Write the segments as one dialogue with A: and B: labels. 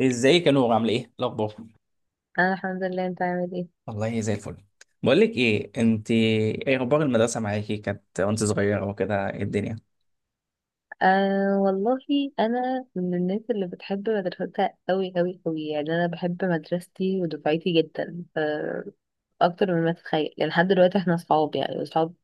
A: ازيك يا نور؟ عامله ايه الاخبار؟
B: انا الحمد لله. انت عامل ايه؟
A: والله زي الفل. بقول لك ايه، انت ايه اخبار المدرسه معاكي كانت وانت صغيره وكده؟ ايه الدنيه؟
B: آه والله، انا من الناس اللي بتحب مدرستها قوي قوي قوي، يعني انا بحب مدرستي ودفعتي جدا. آه، اكتر من ما تتخيل، يعني لحد دلوقتي احنا اصحاب، يعني اصحاب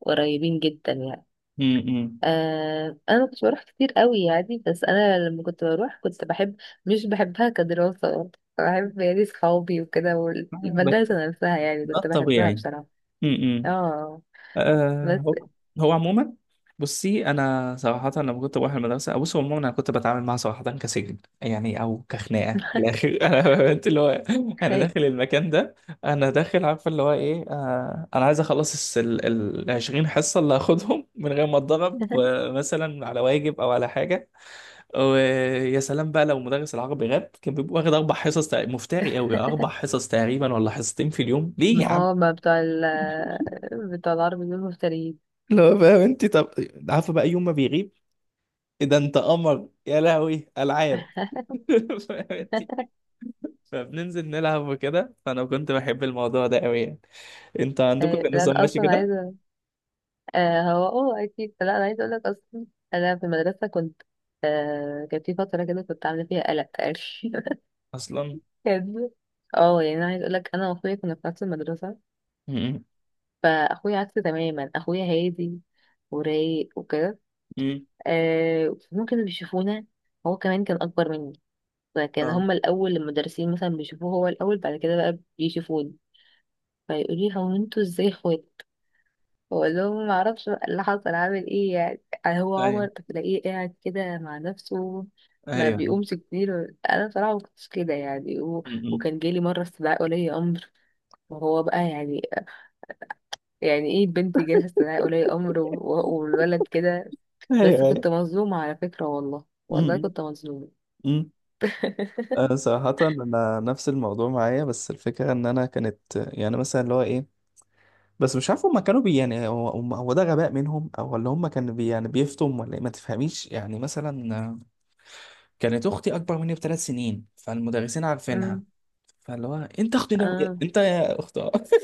B: قريبين جدا يعني.
A: امم.
B: آه، انا ما كنتش بروح كتير قوي يعني، بس انا لما كنت بروح كنت بحب. مش بحبها كدراسة برضه. بحب يعني صحابي وكده
A: ده
B: والمدرسة نفسها، يعني
A: ده
B: كنت بحبها
A: الطبيعي.
B: بصراحة.
A: امم.
B: اه
A: آه
B: بس
A: هو هو عموما. بصي انا صراحه لما كنت بروح المدرسه، بص، هو عموما انا كنت بتعامل معاها صراحه كسجن يعني، او كخناقه في الاخر. انا، انت اللي هو، انا
B: هي
A: داخل المكان ده، انا داخل عارفه اللي هو ايه. انا عايز اخلص ال 20 حصه اللي هاخدهم من غير ما اتضرب آه، مثلا على واجب او على حاجه. ويا سلام بقى لو مدرس العربي غاب، كان بيبقى واخد اربع حصص مفتري قوي، اربع حصص تقريبا ولا حصتين في اليوم، ليه
B: ما
A: يا عم؟
B: اه ما بتوع ال بتوع العربي دول مفتريين.
A: لا، فاهم انت؟ طب عارفه بقى يوم ما بيغيب إيه ده؟ انت قمر يا لهوي، العاب. فهمتي؟ فبننزل نلعب وكده، فانا كنت بحب الموضوع ده قوي يعني. انت عندكم كان
B: آه، لا
A: النظام
B: انا
A: ماشي
B: اصلا
A: كده
B: عايزه. آه، هو اه اكيد، لا انا عايزه اقول لك اصلا. انا في المدرسه كنت، آه، كان في فتره كده كنت عامله فيها قلق تقريبا.
A: اصلا؟
B: كان- اه يعني انا عايزه اقول لك، انا واخويا كنا في نفس المدرسه.
A: امم.
B: فاخويا عكسي تماما، اخويا هادي ورايق وكده.
A: امم.
B: آه، ممكن بيشوفونا. هو كمان كان اكبر مني، فكان
A: اه.
B: هما الاول المدرسين مثلا بيشوفوه هو الاول، بعد كده بقى بيشوفوني، فيقولي هو انتوا ازاي اخوات. بقول لهم ما اعرفش بقى اللي حصل عامل ايه، يعني يعني هو عمر
A: ايوه،
B: بتلاقيه قاعد كده مع نفسه، ما
A: ايوه.
B: بيقومش كتير. انا بصراحه ما كنتش كده يعني، و...
A: امم.
B: وكان جالي مره استدعاء ولي امر، وهو بقى يعني، يعني ايه بنت جالها استدعاء ولي امر و... والولد كده. بس
A: ايوه،
B: كنت
A: ايوه.
B: مظلومه على فكره، والله والله
A: امم.
B: كنت مظلومه.
A: امم. أنا صراحة أنا نفس الموضوع معايا، بس الفكرة إن أنا كانت يعني مثلا اللي هو إيه، بس مش عارف هما كانوا بي يعني، هو ده غباء منهم أو ولا هما كانوا بي يعني بيفتم ولا إيه، ما تفهميش يعني. مثلا كانت اختي اكبر مني بثلاث سنين، فالمدرسين عارفينها.
B: امم
A: فاللي هو، انت اختي.
B: اه.
A: انت يا اخت،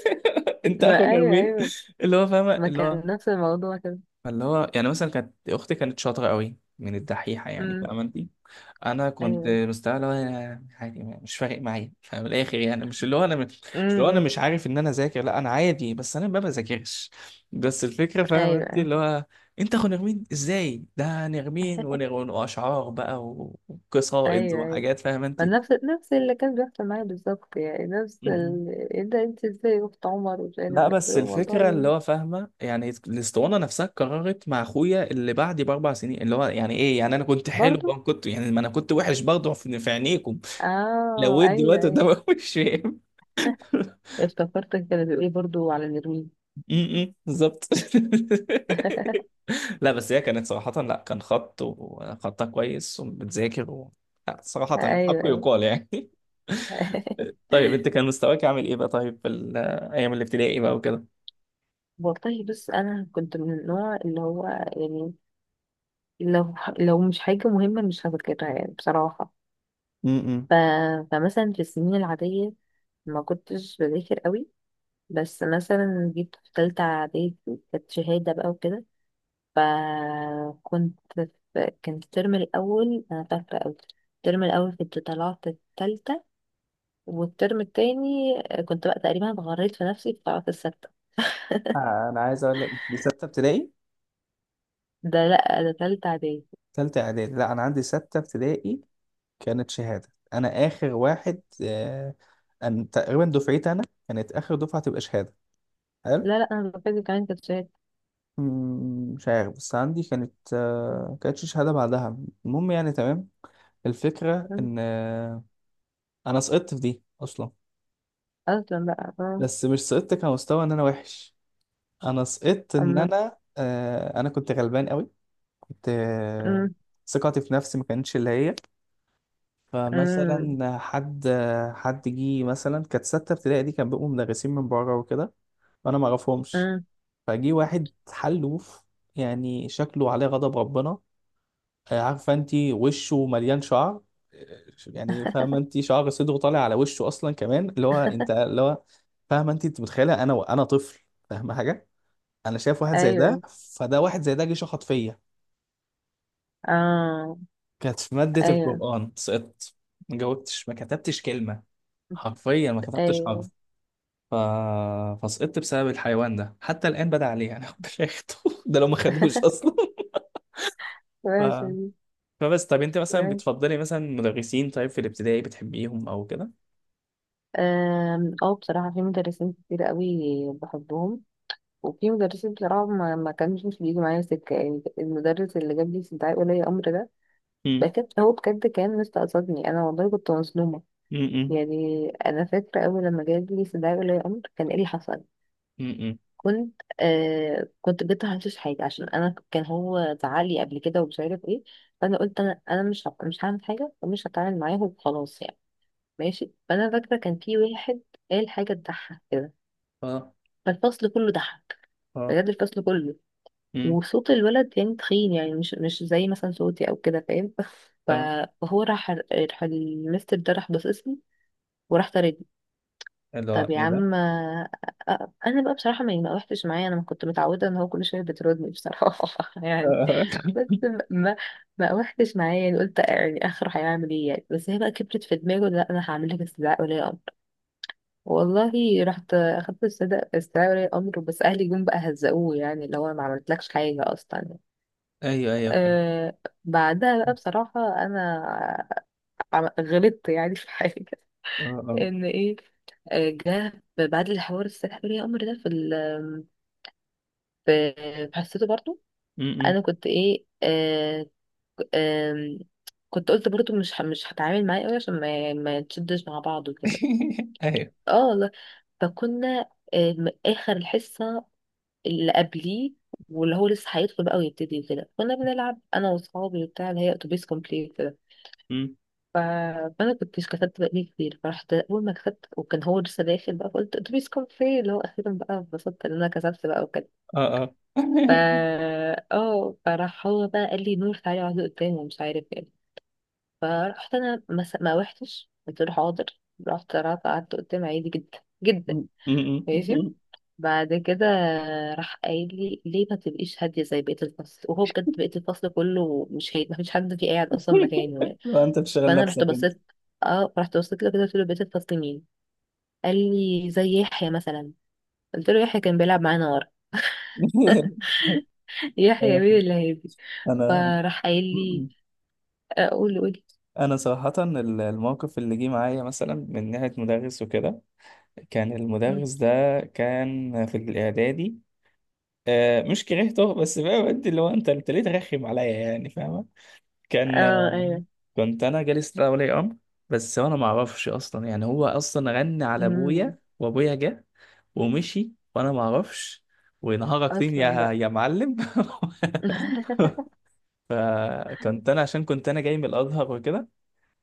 A: انت اخو
B: ما ايوه
A: نرمين.
B: ايوه،
A: اللي هو فاهمه
B: ما
A: اللي هو.
B: كان نفس الموضوع كده.
A: فاللي هو يعني مثلا كانت اختي كانت شاطره قوي من الدحيحه، يعني
B: امم
A: فاهمه انت. انا كنت
B: ايوه
A: مستوى اللي هو أنا عادي، مش فارق معايا، فمن الاخر يعني مش اللي هو انا مش اللي هو انا
B: امم
A: مش عارف ان انا ذاكر، لا انا عادي بس انا ما بذاكرش، بس الفكره فاهم
B: ايوه
A: انت
B: ايوه
A: اللي هو انت اخو نرمين ازاي؟ ده نرمين واشعار بقى و- وقصائد
B: ايوه،
A: وحاجات، فاهم انت؟
B: ما نفس اللي كان بيحصل معايا بالظبط، يعني نفس
A: م-م.
B: ال... ايه ده انت ازاي اخت عمر ومش عارف
A: لا
B: ايه؟ قلت
A: بس
B: له
A: الفكره اللي
B: والله.
A: هو فاهمه يعني الاسطوانه نفسها قررت مع اخويا اللي بعدي باربع سنين، اللي هو يعني ايه يعني، انا كنت حلو
B: برضو
A: بقى، كنت يعني، ما انا كنت وحش برضه في عينيكم لو
B: اه
A: ويت
B: ايوه
A: دلوقتي قدام
B: ايوه.
A: أخوي، مش فاهم.
B: افتكرتك كانت بتقولي برضو على نرويج.
A: امم، بالظبط. لا بس هي كانت صراحة، لا كان خط وخطها كويس وبتذاكر، و... لا صراحة الحق
B: ايوه ايوه.
A: يقال يعني. طيب انت كان مستواك عامل ايه بقى، طيب، في ايام الابتدائي بقى وكده؟
B: والله بس انا كنت من النوع اللي هو يعني لو مش حاجه مهمه مش هذاكرها، يعني بصراحه.
A: امم.
B: ف... فمثلا في السنين العاديه ما كنتش بذاكر قوي، بس مثلا جيت في تالتة إعدادي، كانت شهادة بقى وكده، فكنت، في كان الترم الأول أنا فاكرة أوي، الترم الأول كنت طلعت التالتة، والترم التاني كنت بقى تقريبا اتغريت في نفسي فطلعت السادسة.
A: آه انا عايز اقول لك، دي ستة ابتدائي؟
B: ده لأ، ده تالتة إعدادي.
A: ثالثة اعدادي؟ لا انا عندي ستة ابتدائي، كانت شهادة. انا اخر واحد، أن تقريبا دفعتي انا كانت اخر دفعة تبقى شهادة. حلو.
B: لا لأ، أنا فاكرة كمان كانت شهادة.
A: مم، مش عارف بس عندي كانت، كانتش شهادة بعدها. المهم يعني، تمام. الفكرة
B: أمم،
A: إن أنا سقطت في دي أصلا،
B: أصلا بقى، آه،
A: بس مش سقطت كمستوى إن أنا وحش، أنا سقطت إن
B: أما،
A: أنا، أنا كنت غلبان قوي. كنت
B: أمم،
A: ثقتي في نفسي ما كانتش اللي هي.
B: أمم،
A: فمثلا حد، حد جه، مثلا كانت ستة ابتدائي دي كان بيبقوا مدرسين من بره وكده، وأنا ما أعرفهمش.
B: أمم.
A: فجي واحد حلوف، يعني شكله عليه غضب ربنا، عارفه انت، وشه مليان شعر، يعني فاهمه انت، شعر صدره طالع على وشه اصلا كمان، اللي هو انت اللي هو، فاهمه انت، انت متخيله انا، انا طفل فاهمه حاجه، انا شايف واحد زي ده،
B: أيوه
A: فده واحد زي ده جه شخط فيا.
B: آه
A: كانت في ماده
B: أيوه
A: القران سقطت، ما جاوبتش، ما كتبتش كلمه، حرفيا ما كتبتش
B: أيوه.
A: حرف. ف... فسقطت بسبب الحيوان ده، حتى الان بدا عليه انا كنت اخده، ده لو ما خدوش اصلا. ف...
B: وحشة دي.
A: فبس، طب انت مثلا
B: وحشة.
A: بتفضلي مثلا مدرسين طيب في الابتدائي بتحبيهم او كده؟
B: آم، اه بصراحة في مدرسين كتير قوي بحبهم، وفي مدرسين بصراحة ما كانش بيجي معايا سكة، يعني المدرس اللي جاب لي استدعاء ولي أمر ده
A: مم.
B: بجد، هو بجد كان مستقصدني أنا، والله كنت مظلومة.
A: امم.
B: يعني أنا فاكرة أول لما جاب لي استدعاء ولي أمر كان إيه اللي حصل،
A: امم.
B: كنت آه كنت جبت هنشوش حاجة، عشان أنا كان هو زعلي قبل كده ومش عارف إيه، فأنا قلت أنا أنا مش هعمل حاجة ومش هتعامل معاه وخلاص يعني. ماشي، فأنا فاكرة كان في واحد قال حاجة تضحك كده،
A: اه،
B: فالفصل كله ضحك،
A: اه.
B: بجد الفصل كله.
A: امم.
B: وصوت الولد يعني تخين، يعني مش زي مثلا صوتي او كده فاهم. ف-
A: اه.
B: فهو راح المستر ده راح باصصني وراح طاردني.
A: اللي هو
B: طب يا
A: ايه ده؟
B: عم. آه، آه، انا بقى بصراحه ما وحتش معايا، انا ما كنت متعوده ان هو كل شويه بيطردني بصراحه. يعني
A: آه.
B: بس ما وحتش معايا يعني، قلت يعني اخره هيعمل ايه يعني، بس هي بقى كبرت في دماغه، لا انا هعمل لك استدعاء ولي امر والله. رحت اخدت استدعاء ولي امر، بس اهلي جم بقى هزقوه يعني، اللي هو ما عملتلكش حاجه اصلا.
A: ايوه، ايوه، فاهم.
B: آه، بعدها بقى بصراحة، أنا غلطت يعني في حاجة.
A: اه، اه.
B: إن إيه، آه، جه بعد الحوار السحر يا قمر ده في ال حسيته برضو.
A: امم.
B: أنا كنت إيه آه آه كنت قلت برضو مش هتعامل معاه أوي عشان ما تشدش مع بعض وكده.
A: ايوه.
B: اه لا. فكنا آه، آخر الحصة اللي قبليه، واللي هو لسه هيدخل بقى ويبتدي وكده، كنا بنلعب أنا وأصحابي وبتاع، اللي هي أتوبيس كومبليت.
A: امم.
B: ف... فانا كنت كتبت بقالي كتير، فرحت اول ما كتبت، وكان هو لسه داخل بقى، فقلت اتوبيس، كان فين اللي هو اخيرا بقى، اتبسطت ان انا كسبت بقى وكده.
A: اه، اه.
B: ف اه فراح هو بقى قال لي نور تعالي اقعدي قدامي ومش عارف ايه. فرحت انا ما روحتش، قلت له حاضر. رحت قعدت قدامي عادي جدا جدا،
A: امم.
B: ماشي. بعد كده راح قايل لي ليه ما تبقيش هاديه زي بقيه الفصل؟ وهو بجد بقيه الفصل كله مش هادي، ما فيش حد فيه قاعد اصلا مكانه.
A: لو انت بتشغل
B: فانا رحت
A: نفسك انت.
B: بصيت. اه رحت بصيت له كده قلت له بقيت الفصل مين؟ قال لي زي يحيى مثلا. قلت له يحيى كان بيلعب معانا ورا. يحيى
A: ايوه.
B: مين اللي هيجي؟
A: انا
B: فراح قايل لي اقول قولي.
A: انا صراحة، الموقف اللي جه معايا مثلا من ناحية مدرس وكده، كان
B: قولي.
A: المدرس ده كان في الاعدادي، مش كرهته بس بقى بدي اللي هو، انت انت ليه ترخم عليا يعني؟ كان،
B: اه ايوه
A: كنت انا جالس لها ولي امر، بس انا ما اعرفش اصلا يعني، هو اصلا غنى على
B: امم.
A: ابويا وابويا جه ومشي وانا ما اعرفش، ونهارك طين
B: اصلا
A: يا
B: بقى.
A: يا معلم. فكنت انا عشان كنت انا جاي من الازهر وكده،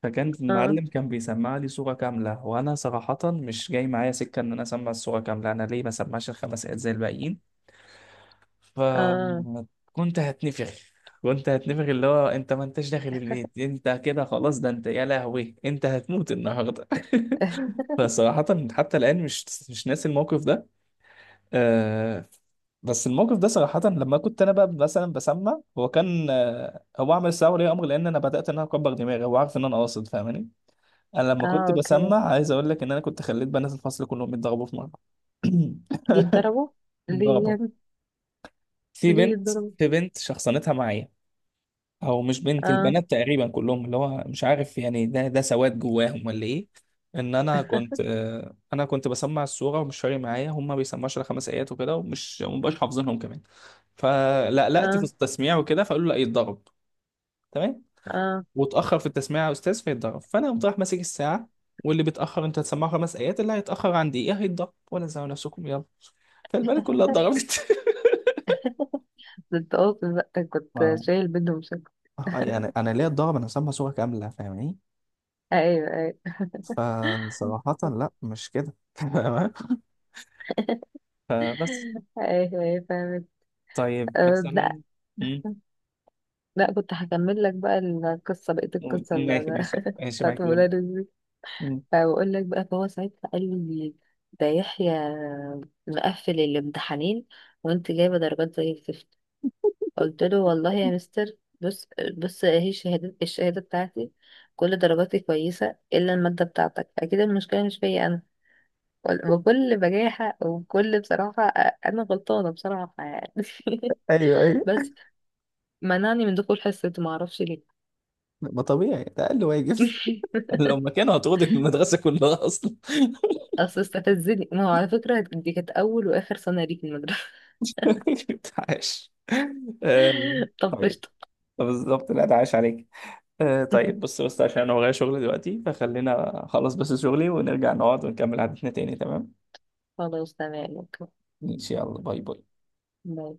A: فكان
B: اه
A: المعلم كان بيسمع لي صوره كامله، وانا صراحه مش جاي معايا سكه ان انا اسمع الصوره كامله، انا ليه ما سمعش الخمس ايات زي الباقيين؟
B: اه
A: فكنت هتنفخ، كنت هتنفخ اللي هو، انت ما انتش داخل البيت، انت كده خلاص، ده انت يا لهوي انت هتموت النهارده. فصراحة حتى الآن مش ناسي الموقف ده. آه. بس الموقف ده صراحة لما كنت أنا بقى مثلا بسمع، هو كان، آه، هو عمل استدعاء ولي أمر لأن أنا بدأت إن أنا أكبر دماغي، هو عارف إن أنا قاصد، فاهماني؟ أنا لما
B: اه
A: كنت
B: اوكي.
A: بسمع، عايز أقول لك إن أنا كنت خليت بنات الفصل كلهم يتضربوا في مرة.
B: يتضربوا ليه
A: يتضربوا
B: يعني؟
A: في
B: ليه
A: بنت
B: يتضربوا؟
A: في بنت شخصنتها معايا، او مش بنت،
B: اه
A: البنات تقريبا كلهم، اللي هو مش عارف يعني ده ده سواد جواهم ولا ايه، ان انا كنت، انا كنت بسمع السوره ومش فارق معايا، هم ما بيسمعوش الا خمس ايات وكده، ومش ومبقاش حافظينهم كمان، فلقلقت في
B: اه
A: التسميع وكده، فقالوا لا يتضرب، تمام،
B: اه.
A: واتاخر في التسميع يا استاذ فيتضرب، فانا قمت رايح ماسك الساعه، واللي بيتاخر انت هتسمعه خمس ايات، اللي هيتاخر عن دقيقه هيتضرب ولا زعلوا نفسكم، يلا. فالبنات كلها اتضربت.
B: ده انت قاصد بقى، كنت
A: ما-
B: شايل بينهم شكل.
A: يعني انا ليه اتضرب، انا هسمع سوره كامله، فاهم؟
B: ايوه ايوه.
A: فصراحة لا مش كده. تمام. فبس.
B: ايوه ايوه فاهمك.
A: طيب
B: آه
A: مثلا،
B: لا.
A: امم،
B: لا كنت هكمل لك بقى القصة، بقية
A: قول،
B: القصة
A: قول، ماشي ماشي ماشي
B: بتاعت
A: معاك، قول.
B: المدرس دي.
A: مم.
B: فبقول لك بقى، فهو ساعتها قال لي ده يحيى مقفل الامتحانين وانت جايبة درجات زي الزفت. قلت له والله يا مستر، بص بص، اهي الشهادة الشهادة بتاعتي، كل درجاتي كويسة إلا المادة بتاعتك، أكيد المشكلة مش فيا أنا، بكل بجاحة وكل بصراحة. أنا غلطانة بصراحة يعني.
A: ايوه، ايوه،
B: بس منعني من دخول حصة معرفش ليه.
A: ما طبيعي، ده أقل واجب. لو ما كانوا هتاخدك من المدرسة كلها أصلا.
B: اصل استفزني، ما هو على فكرة دي كانت اول واخر سنة ليك في المدرسة.
A: عاش. آم،
B: طب
A: طيب.
B: قشطة.
A: بالظبط، لا ده عاش عليك. طيب، بص بص، عشان أنا ورايا شغل دلوقتي، فخلينا أخلص بس شغلي، ونرجع نقعد ونكمل حديثنا تاني، تمام؟
B: خلاص تمام اوكي.
A: إن شاء الله، باي باي.
B: باي.